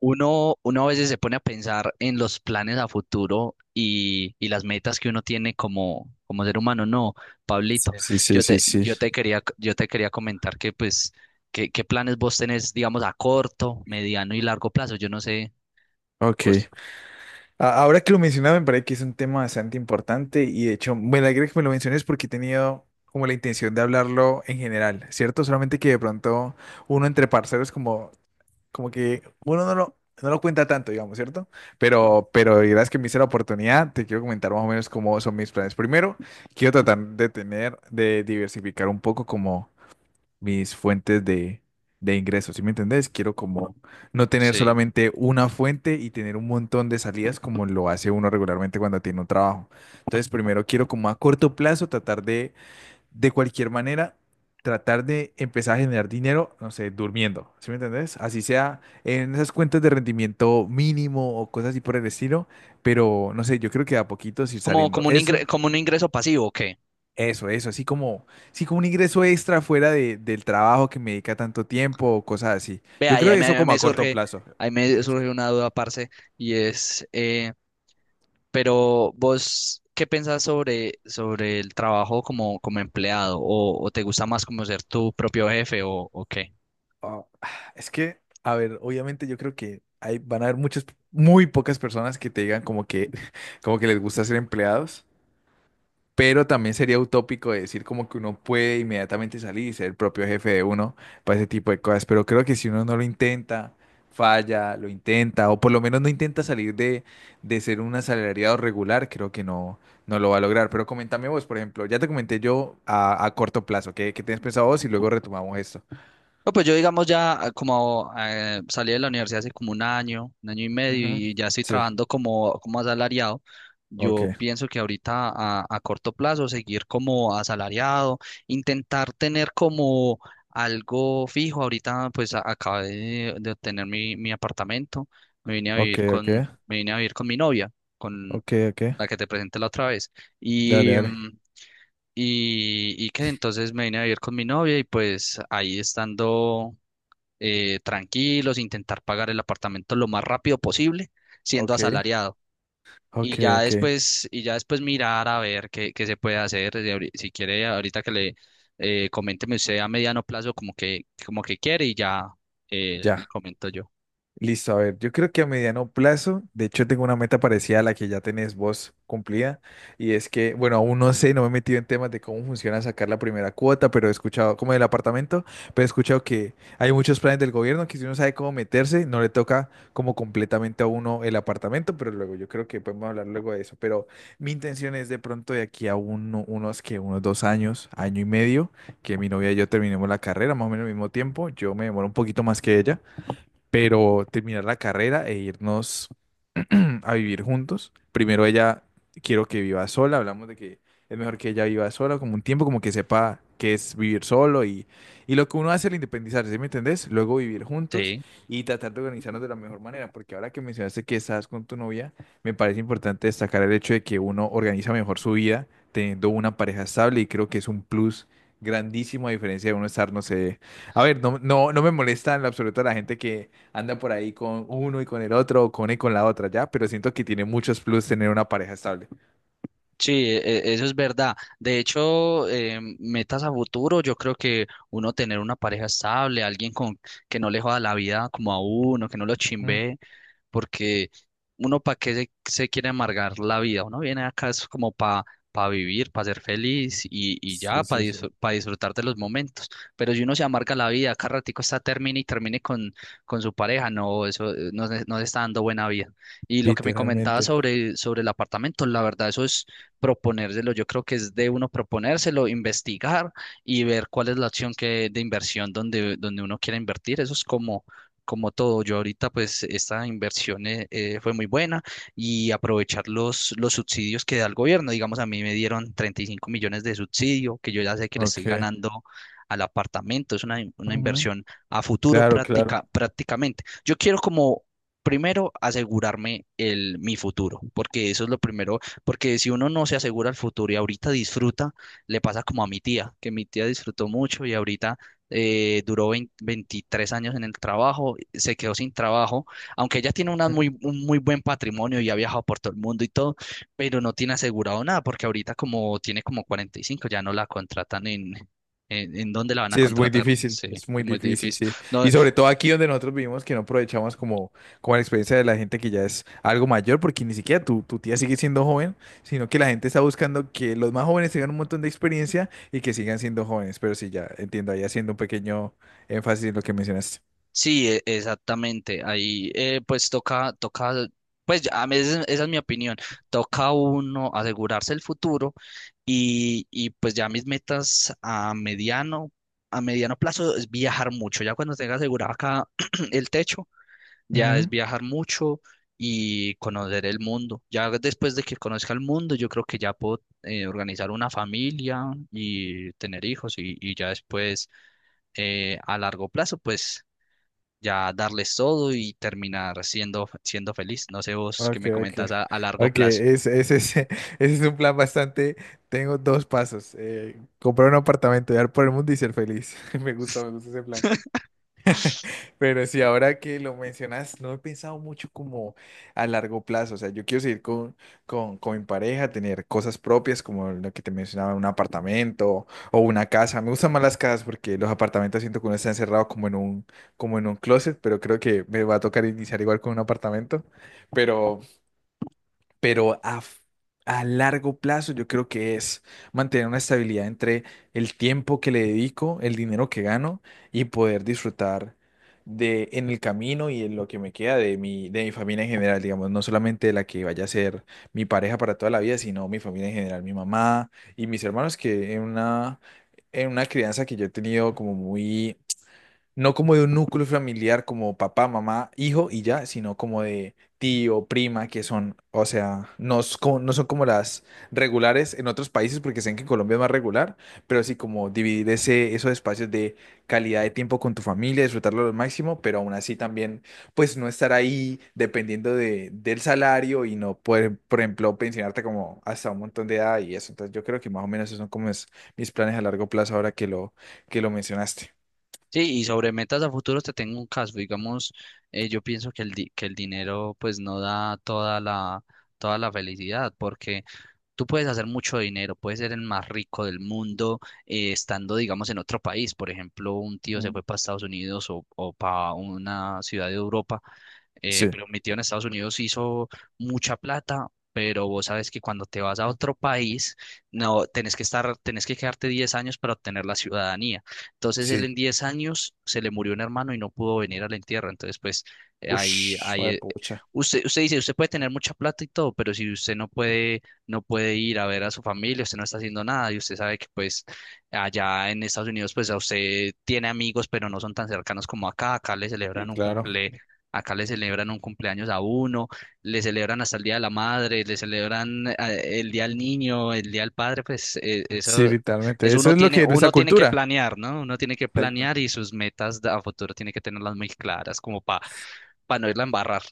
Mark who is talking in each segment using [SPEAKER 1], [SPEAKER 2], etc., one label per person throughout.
[SPEAKER 1] Uno a veces se pone a pensar en los planes a futuro y las metas que uno tiene como ser humano. No, Pablito,
[SPEAKER 2] Sí, sí, sí,
[SPEAKER 1] yo
[SPEAKER 2] sí.
[SPEAKER 1] te,
[SPEAKER 2] Sí.
[SPEAKER 1] yo te quería, yo te quería comentar que pues, ¿qué planes vos tenés, digamos, a corto, mediano y largo plazo? Yo no sé,
[SPEAKER 2] Ok.
[SPEAKER 1] vos.
[SPEAKER 2] Ahora que lo mencionaba, me parece que es un tema bastante importante y de hecho me alegra que me lo menciones porque he tenido como la intención de hablarlo en general, ¿cierto? Solamente que de pronto uno entre parceros como, como que uno no lo cuenta tanto, digamos, ¿cierto? Pero gracias que me hice la oportunidad, te quiero comentar más o menos cómo son mis planes. Primero, quiero tratar de tener, de diversificar un poco como mis fuentes de ingresos, ¿sí me entendés? Quiero como no tener
[SPEAKER 1] Sí.
[SPEAKER 2] solamente una fuente y tener un montón de salidas como lo hace uno regularmente cuando tiene un trabajo. Entonces, primero quiero como a corto plazo tratar de cualquier manera, tratar de empezar a generar dinero, no sé, durmiendo, ¿sí me entendés? Así sea en esas cuentas de rendimiento mínimo o cosas así por el estilo, pero no sé, yo creo que de a poquitos ir
[SPEAKER 1] Como,
[SPEAKER 2] saliendo.
[SPEAKER 1] como un
[SPEAKER 2] Eso.
[SPEAKER 1] ingre- como un ingreso pasivo, ¿ok?
[SPEAKER 2] Eso, así como, sí, como un ingreso extra fuera del trabajo que me dedica tanto tiempo o cosas así.
[SPEAKER 1] Ve,
[SPEAKER 2] Yo
[SPEAKER 1] ahí,
[SPEAKER 2] creo
[SPEAKER 1] ahí
[SPEAKER 2] que
[SPEAKER 1] me
[SPEAKER 2] eso
[SPEAKER 1] ahí
[SPEAKER 2] como
[SPEAKER 1] me
[SPEAKER 2] a corto
[SPEAKER 1] surge,
[SPEAKER 2] plazo.
[SPEAKER 1] ahí
[SPEAKER 2] ¿Y
[SPEAKER 1] me
[SPEAKER 2] vos qué?
[SPEAKER 1] surge una duda, parce, y es, pero vos, ¿qué pensás sobre el trabajo como empleado? O te gusta más como ser tu propio jefe o qué?
[SPEAKER 2] Ah, es que, a ver, obviamente yo creo que van a haber muy pocas personas que te digan como que, como que les gusta ser empleados. Pero también sería utópico decir como que uno puede inmediatamente salir y ser el propio jefe de uno para ese tipo de cosas. Pero creo que si uno no lo intenta, falla, lo intenta, o por lo menos no intenta salir de ser un asalariado regular, creo que no lo va a lograr. Pero coméntame vos, por ejemplo, ya te comenté yo a corto plazo, ¿qué tienes pensado vos? Y luego retomamos esto.
[SPEAKER 1] No, pues yo digamos ya ah, como salí de la universidad hace como un año y medio
[SPEAKER 2] Ujú.
[SPEAKER 1] y ya estoy
[SPEAKER 2] Sí,
[SPEAKER 1] trabajando como asalariado.
[SPEAKER 2] ok,
[SPEAKER 1] Yo pienso que ahorita a corto plazo seguir como asalariado, intentar tener como algo fijo. Ahorita pues acabé de obtener mi apartamento, me vine a
[SPEAKER 2] ok,
[SPEAKER 1] vivir
[SPEAKER 2] ok,
[SPEAKER 1] con, me vine a vivir con mi novia, con
[SPEAKER 2] ok, ok,
[SPEAKER 1] la que te presenté la otra vez.
[SPEAKER 2] dale,
[SPEAKER 1] Y,
[SPEAKER 2] dale,
[SPEAKER 1] mm, y que entonces me vine a vivir con mi novia y pues ahí estando tranquilos, intentar pagar el apartamento lo más rápido posible, siendo
[SPEAKER 2] ok,
[SPEAKER 1] asalariado.
[SPEAKER 2] ok,
[SPEAKER 1] Y ya
[SPEAKER 2] ok,
[SPEAKER 1] después, y ya después mirar a ver qué se puede hacer. Si, ahori- si quiere, Ahorita que le coménteme usted a mediano plazo como que quiere y ya le
[SPEAKER 2] ya.
[SPEAKER 1] comento yo.
[SPEAKER 2] Listo, a ver, yo creo que a mediano plazo, de hecho tengo una meta parecida a la que ya tenés vos cumplida, y es que, bueno, aún no sé, no me he metido en temas de cómo funciona sacar la primera cuota, pero he escuchado, como del apartamento, pero he escuchado que hay muchos planes del gobierno que si uno sabe cómo meterse, no le toca como completamente a uno el apartamento, pero luego yo creo que podemos hablar luego de eso, pero mi intención es de pronto de aquí a unos que unos dos años, año y medio, que mi novia y yo terminemos la carrera, más o menos al mismo tiempo, yo me demoro un poquito más que ella pero terminar la carrera e irnos a vivir juntos. Primero ella quiero que viva sola, hablamos de que es mejor que ella viva sola, como un tiempo, como que sepa qué es vivir solo y lo que uno hace al independizarse, ¿sí me entendés? Luego vivir juntos
[SPEAKER 1] Sí.
[SPEAKER 2] y tratar de organizarnos de la mejor manera, porque ahora que mencionaste que estás con tu novia, me parece importante destacar el hecho de que uno organiza mejor su vida teniendo una pareja estable y creo que es un plus. Grandísimo a diferencia de uno estar, no sé, a ver, no, no, no me molesta en lo absoluto la gente que anda por ahí con uno y con el otro, o con él y con la otra, ¿ya? Pero siento que tiene muchos plus tener una pareja estable.
[SPEAKER 1] Sí, e- e- eso es verdad. De hecho, metas a futuro, yo creo que uno tener una pareja estable, alguien con que no le joda la vida como a uno, que no lo
[SPEAKER 2] Mm,
[SPEAKER 1] chimbe, porque uno para qué se quiere amargar la vida, uno viene acá es como para vivir, para ser feliz y
[SPEAKER 2] sí,
[SPEAKER 1] para
[SPEAKER 2] sí, sí.
[SPEAKER 1] disfrutar de los momentos. Pero si uno se amarga la vida, cada ratico está termine y termine con su pareja, no, eso no, se- no se está dando buena vida. Y lo que me comentaba
[SPEAKER 2] Literalmente.
[SPEAKER 1] sobre el apartamento, la verdad, eso es proponérselo. Yo creo que es de uno proponérselo, investigar y ver cuál es la acción de inversión donde uno quiera invertir. Eso es como todo. Yo ahorita, pues, esta inversión fue muy buena y aprovechar los subsidios que da el gobierno. Digamos, a mí me dieron 35.000.000 de subsidio, que yo ya sé que le estoy
[SPEAKER 2] Ok.
[SPEAKER 1] ganando al apartamento, es una, una
[SPEAKER 2] Ujú,
[SPEAKER 1] inversión a futuro
[SPEAKER 2] claro, claro.
[SPEAKER 1] prácticamente. Yo quiero como primero asegurarme mi futuro, porque eso es lo primero, porque si uno no se asegura el futuro y ahorita disfruta, le pasa como a mi tía, que mi tía disfrutó mucho y ahorita duró 20 23 años en el trabajo, se quedó sin trabajo, aunque ella tiene
[SPEAKER 2] Ujú.
[SPEAKER 1] un muy buen patrimonio y ha viajado por todo el mundo y todo, pero no tiene asegurado nada, porque ahorita como tiene como 45, ya no la contratan en... En dónde la van a
[SPEAKER 2] Sí,
[SPEAKER 1] contratar? Sí,
[SPEAKER 2] es muy
[SPEAKER 1] es muy
[SPEAKER 2] difícil,
[SPEAKER 1] difícil.
[SPEAKER 2] sí.
[SPEAKER 1] No,
[SPEAKER 2] Y sobre todo aquí donde nosotros vivimos, que no aprovechamos como, como la experiencia de la gente que ya es algo mayor, porque ni siquiera tu, tu tía sigue siendo joven, sino que la gente está buscando que los más jóvenes tengan un montón de experiencia y que sigan siendo jóvenes. Pero sí, ya entiendo, ahí haciendo un pequeño énfasis en lo que mencionaste.
[SPEAKER 1] sí, e- exactamente. Ahí toca, pues ya, a mí esa es mi opinión. Toca uno asegurarse el futuro y pues ya mis metas a mediano plazo es viajar mucho. Ya cuando tenga asegurado acá el techo, ya es viajar mucho y conocer el mundo. Ya después de que conozca el mundo, yo creo que ya puedo organizar una familia y tener hijos y ya después a largo plazo, pues ya darles todo y terminar siendo feliz. No sé vos qué
[SPEAKER 2] Ok,
[SPEAKER 1] me comentas
[SPEAKER 2] ok.
[SPEAKER 1] a largo
[SPEAKER 2] Ok,
[SPEAKER 1] plazo.
[SPEAKER 2] es, ese, es ese ese es un plan bastante. Tengo dos pasos. Comprar un apartamento, viajar por el mundo y ser feliz. Me gusta ese plan. Pero sí, ahora que lo mencionas, no he pensado mucho como a largo plazo. O sea, yo quiero seguir con mi pareja, tener cosas propias, como lo que te mencionaba, un apartamento o una casa. Me gustan más las casas porque los apartamentos siento que uno está encerrado como en un closet, pero creo que me va a tocar iniciar igual con un apartamento. Pero pero a, f- a largo plazo yo creo que es mantener una estabilidad entre el tiempo que le dedico, el dinero que gano y poder disfrutar de en el camino y en lo que me queda de mi familia en general, digamos, no solamente de la que vaya a ser mi pareja para toda la vida, sino mi familia en general, mi mamá y mis hermanos que en una crianza que yo he tenido como muy no como de un núcleo familiar como papá, mamá, hijo y ya, sino como de tío, prima, que son, o sea, no, no son como las regulares en otros países, porque sé que en Colombia es más regular, pero sí como dividir esos espacios de calidad de tiempo con tu familia, disfrutarlo al máximo, pero aún así también, pues no estar ahí dependiendo de, del salario y no poder, por ejemplo, pensionarte como hasta un montón de edad y eso. Entonces yo creo que más o menos esos son como mis planes a largo plazo ahora que que lo mencionaste.
[SPEAKER 1] Sí, y sobre metas a futuro te tengo un caso. Digamos, yo pienso que el dinero pues no da toda la felicidad, porque tú puedes hacer mucho dinero, puedes ser el más rico del mundo estando, digamos, en otro país. Por ejemplo, un tío se
[SPEAKER 2] Mm.
[SPEAKER 1] fue para Estados Unidos o para una ciudad de Europa
[SPEAKER 2] Sí.
[SPEAKER 1] pero metido en Estados Unidos hizo mucha plata, pero vos sabes que cuando te vas a otro país, no, tenés que quedarte 10 años para obtener la ciudadanía. Entonces él
[SPEAKER 2] Sí.
[SPEAKER 1] en 10 años se le murió un hermano y no pudo venir al entierro. Entonces, pues eh, ahí,
[SPEAKER 2] Ush,
[SPEAKER 1] ahí, eh,
[SPEAKER 2] pucha.
[SPEAKER 1] usted dice, usted puede tener mucha plata y todo, pero si usted no puede, no puede ir a ver a su familia, usted no está haciendo nada y usted sabe que pues allá en Estados Unidos, pues a usted tiene amigos, pero no son tan cercanos como acá. Acá le
[SPEAKER 2] Sí,
[SPEAKER 1] celebran un
[SPEAKER 2] claro.
[SPEAKER 1] cumple Acá le celebran un cumpleaños a uno, le celebran hasta el Día de la Madre, le celebran el Día del Niño, el Día del Padre, pues
[SPEAKER 2] Sí, literalmente.
[SPEAKER 1] eso
[SPEAKER 2] Eso es lo que es nuestra
[SPEAKER 1] uno tiene que
[SPEAKER 2] cultura.
[SPEAKER 1] planear, ¿no? Uno tiene que
[SPEAKER 2] Exacto.
[SPEAKER 1] planear y sus metas a futuro tiene que tenerlas muy claras, como para no irla a embarrar.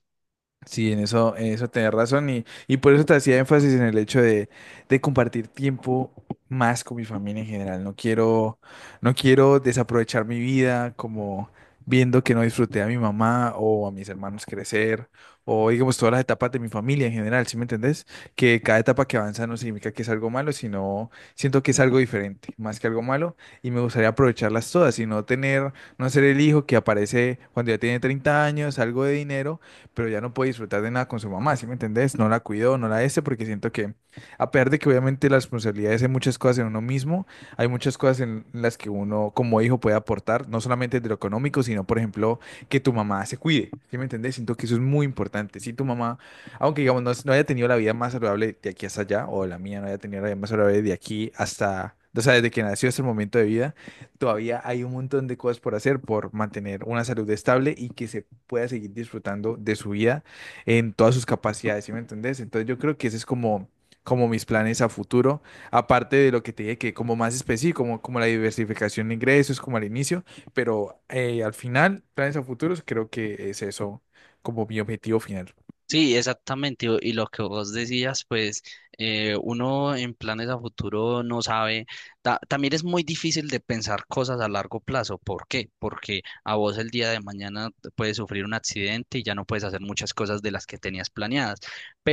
[SPEAKER 2] Sí, en eso tenés razón y por eso te hacía énfasis en el hecho de compartir tiempo más con mi familia en general. No quiero, no quiero desaprovechar mi vida como viendo que no disfruté a mi mamá o a mis hermanos crecer o digamos todas las etapas de mi familia en general, ¿sí me entendés? Que cada etapa que avanza no significa que es algo malo, sino siento que es algo diferente, más que algo malo y me gustaría aprovecharlas todas y no tener, no ser el hijo que aparece cuando ya tiene 30 años, algo de dinero pero ya no puede disfrutar de nada con su mamá, ¿sí me entendés? No la cuidó, no la este, porque siento que, a pesar de que obviamente las responsabilidades hay muchas cosas en uno mismo, hay muchas cosas en las que uno como hijo puede aportar, no solamente de lo económico, sino, por ejemplo, que tu mamá se cuide, ¿sí me entendés? Siento que eso es muy importante. Si tu mamá, aunque digamos no haya tenido la vida más saludable de aquí hasta allá, o la mía no haya tenido la vida más saludable de aquí hasta o sea, desde que nació hasta el momento de vida, todavía hay un montón de cosas por hacer por mantener una salud estable y que se pueda seguir disfrutando de su vida en todas sus capacidades, ¿sí me entendés? Entonces yo creo que ese es como, como mis planes a futuro, aparte de lo que te dije, que como más específico, como, como la diversificación de ingresos, como al inicio, pero al final, planes a futuros, creo que es eso como mi objetivo final.
[SPEAKER 1] Sí, exactamente. Y lo que vos decías, pues uno en planes a futuro no sabe. También es muy difícil de pensar cosas a largo plazo. ¿Por qué? Porque a vos el día de mañana te puedes sufrir un accidente y ya no puedes hacer muchas cosas de las que tenías planeadas.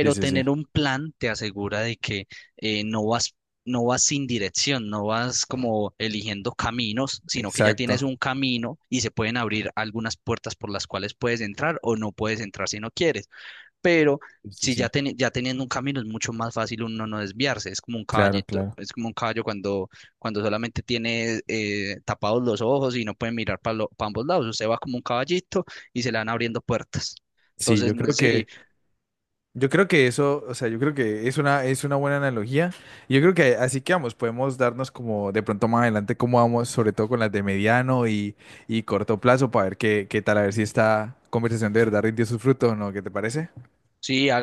[SPEAKER 2] Sí, sí, sí,
[SPEAKER 1] tener un plan te asegura de que eh, no vas, no vas sin dirección, no vas como eligiendo caminos, sino que ya tienes
[SPEAKER 2] exacto.
[SPEAKER 1] un camino y se pueden abrir algunas puertas por las cuales puedes entrar o no puedes entrar si no quieres, pero
[SPEAKER 2] Sí, sí,
[SPEAKER 1] si
[SPEAKER 2] sí,
[SPEAKER 1] ya, teni- ya teniendo un camino es mucho más fácil uno no desviarse, es como un
[SPEAKER 2] claro,
[SPEAKER 1] caballito,
[SPEAKER 2] claro.
[SPEAKER 1] es como un caballo cuando solamente tiene tapados los ojos y no puede mirar para ambos lados, usted va como un caballito y se le van abriendo puertas.
[SPEAKER 2] Sí,
[SPEAKER 1] Entonces,
[SPEAKER 2] yo
[SPEAKER 1] no,
[SPEAKER 2] creo
[SPEAKER 1] sí,
[SPEAKER 2] que... Yo creo que eso, o sea, yo creo que es es una buena analogía. Y yo creo que así que vamos, podemos darnos como de pronto más adelante cómo vamos, sobre todo con las de mediano y corto plazo, para ver qué, qué tal, a ver si esta conversación de verdad rindió sus frutos o no, ¿qué te parece?
[SPEAKER 1] Sí, haga.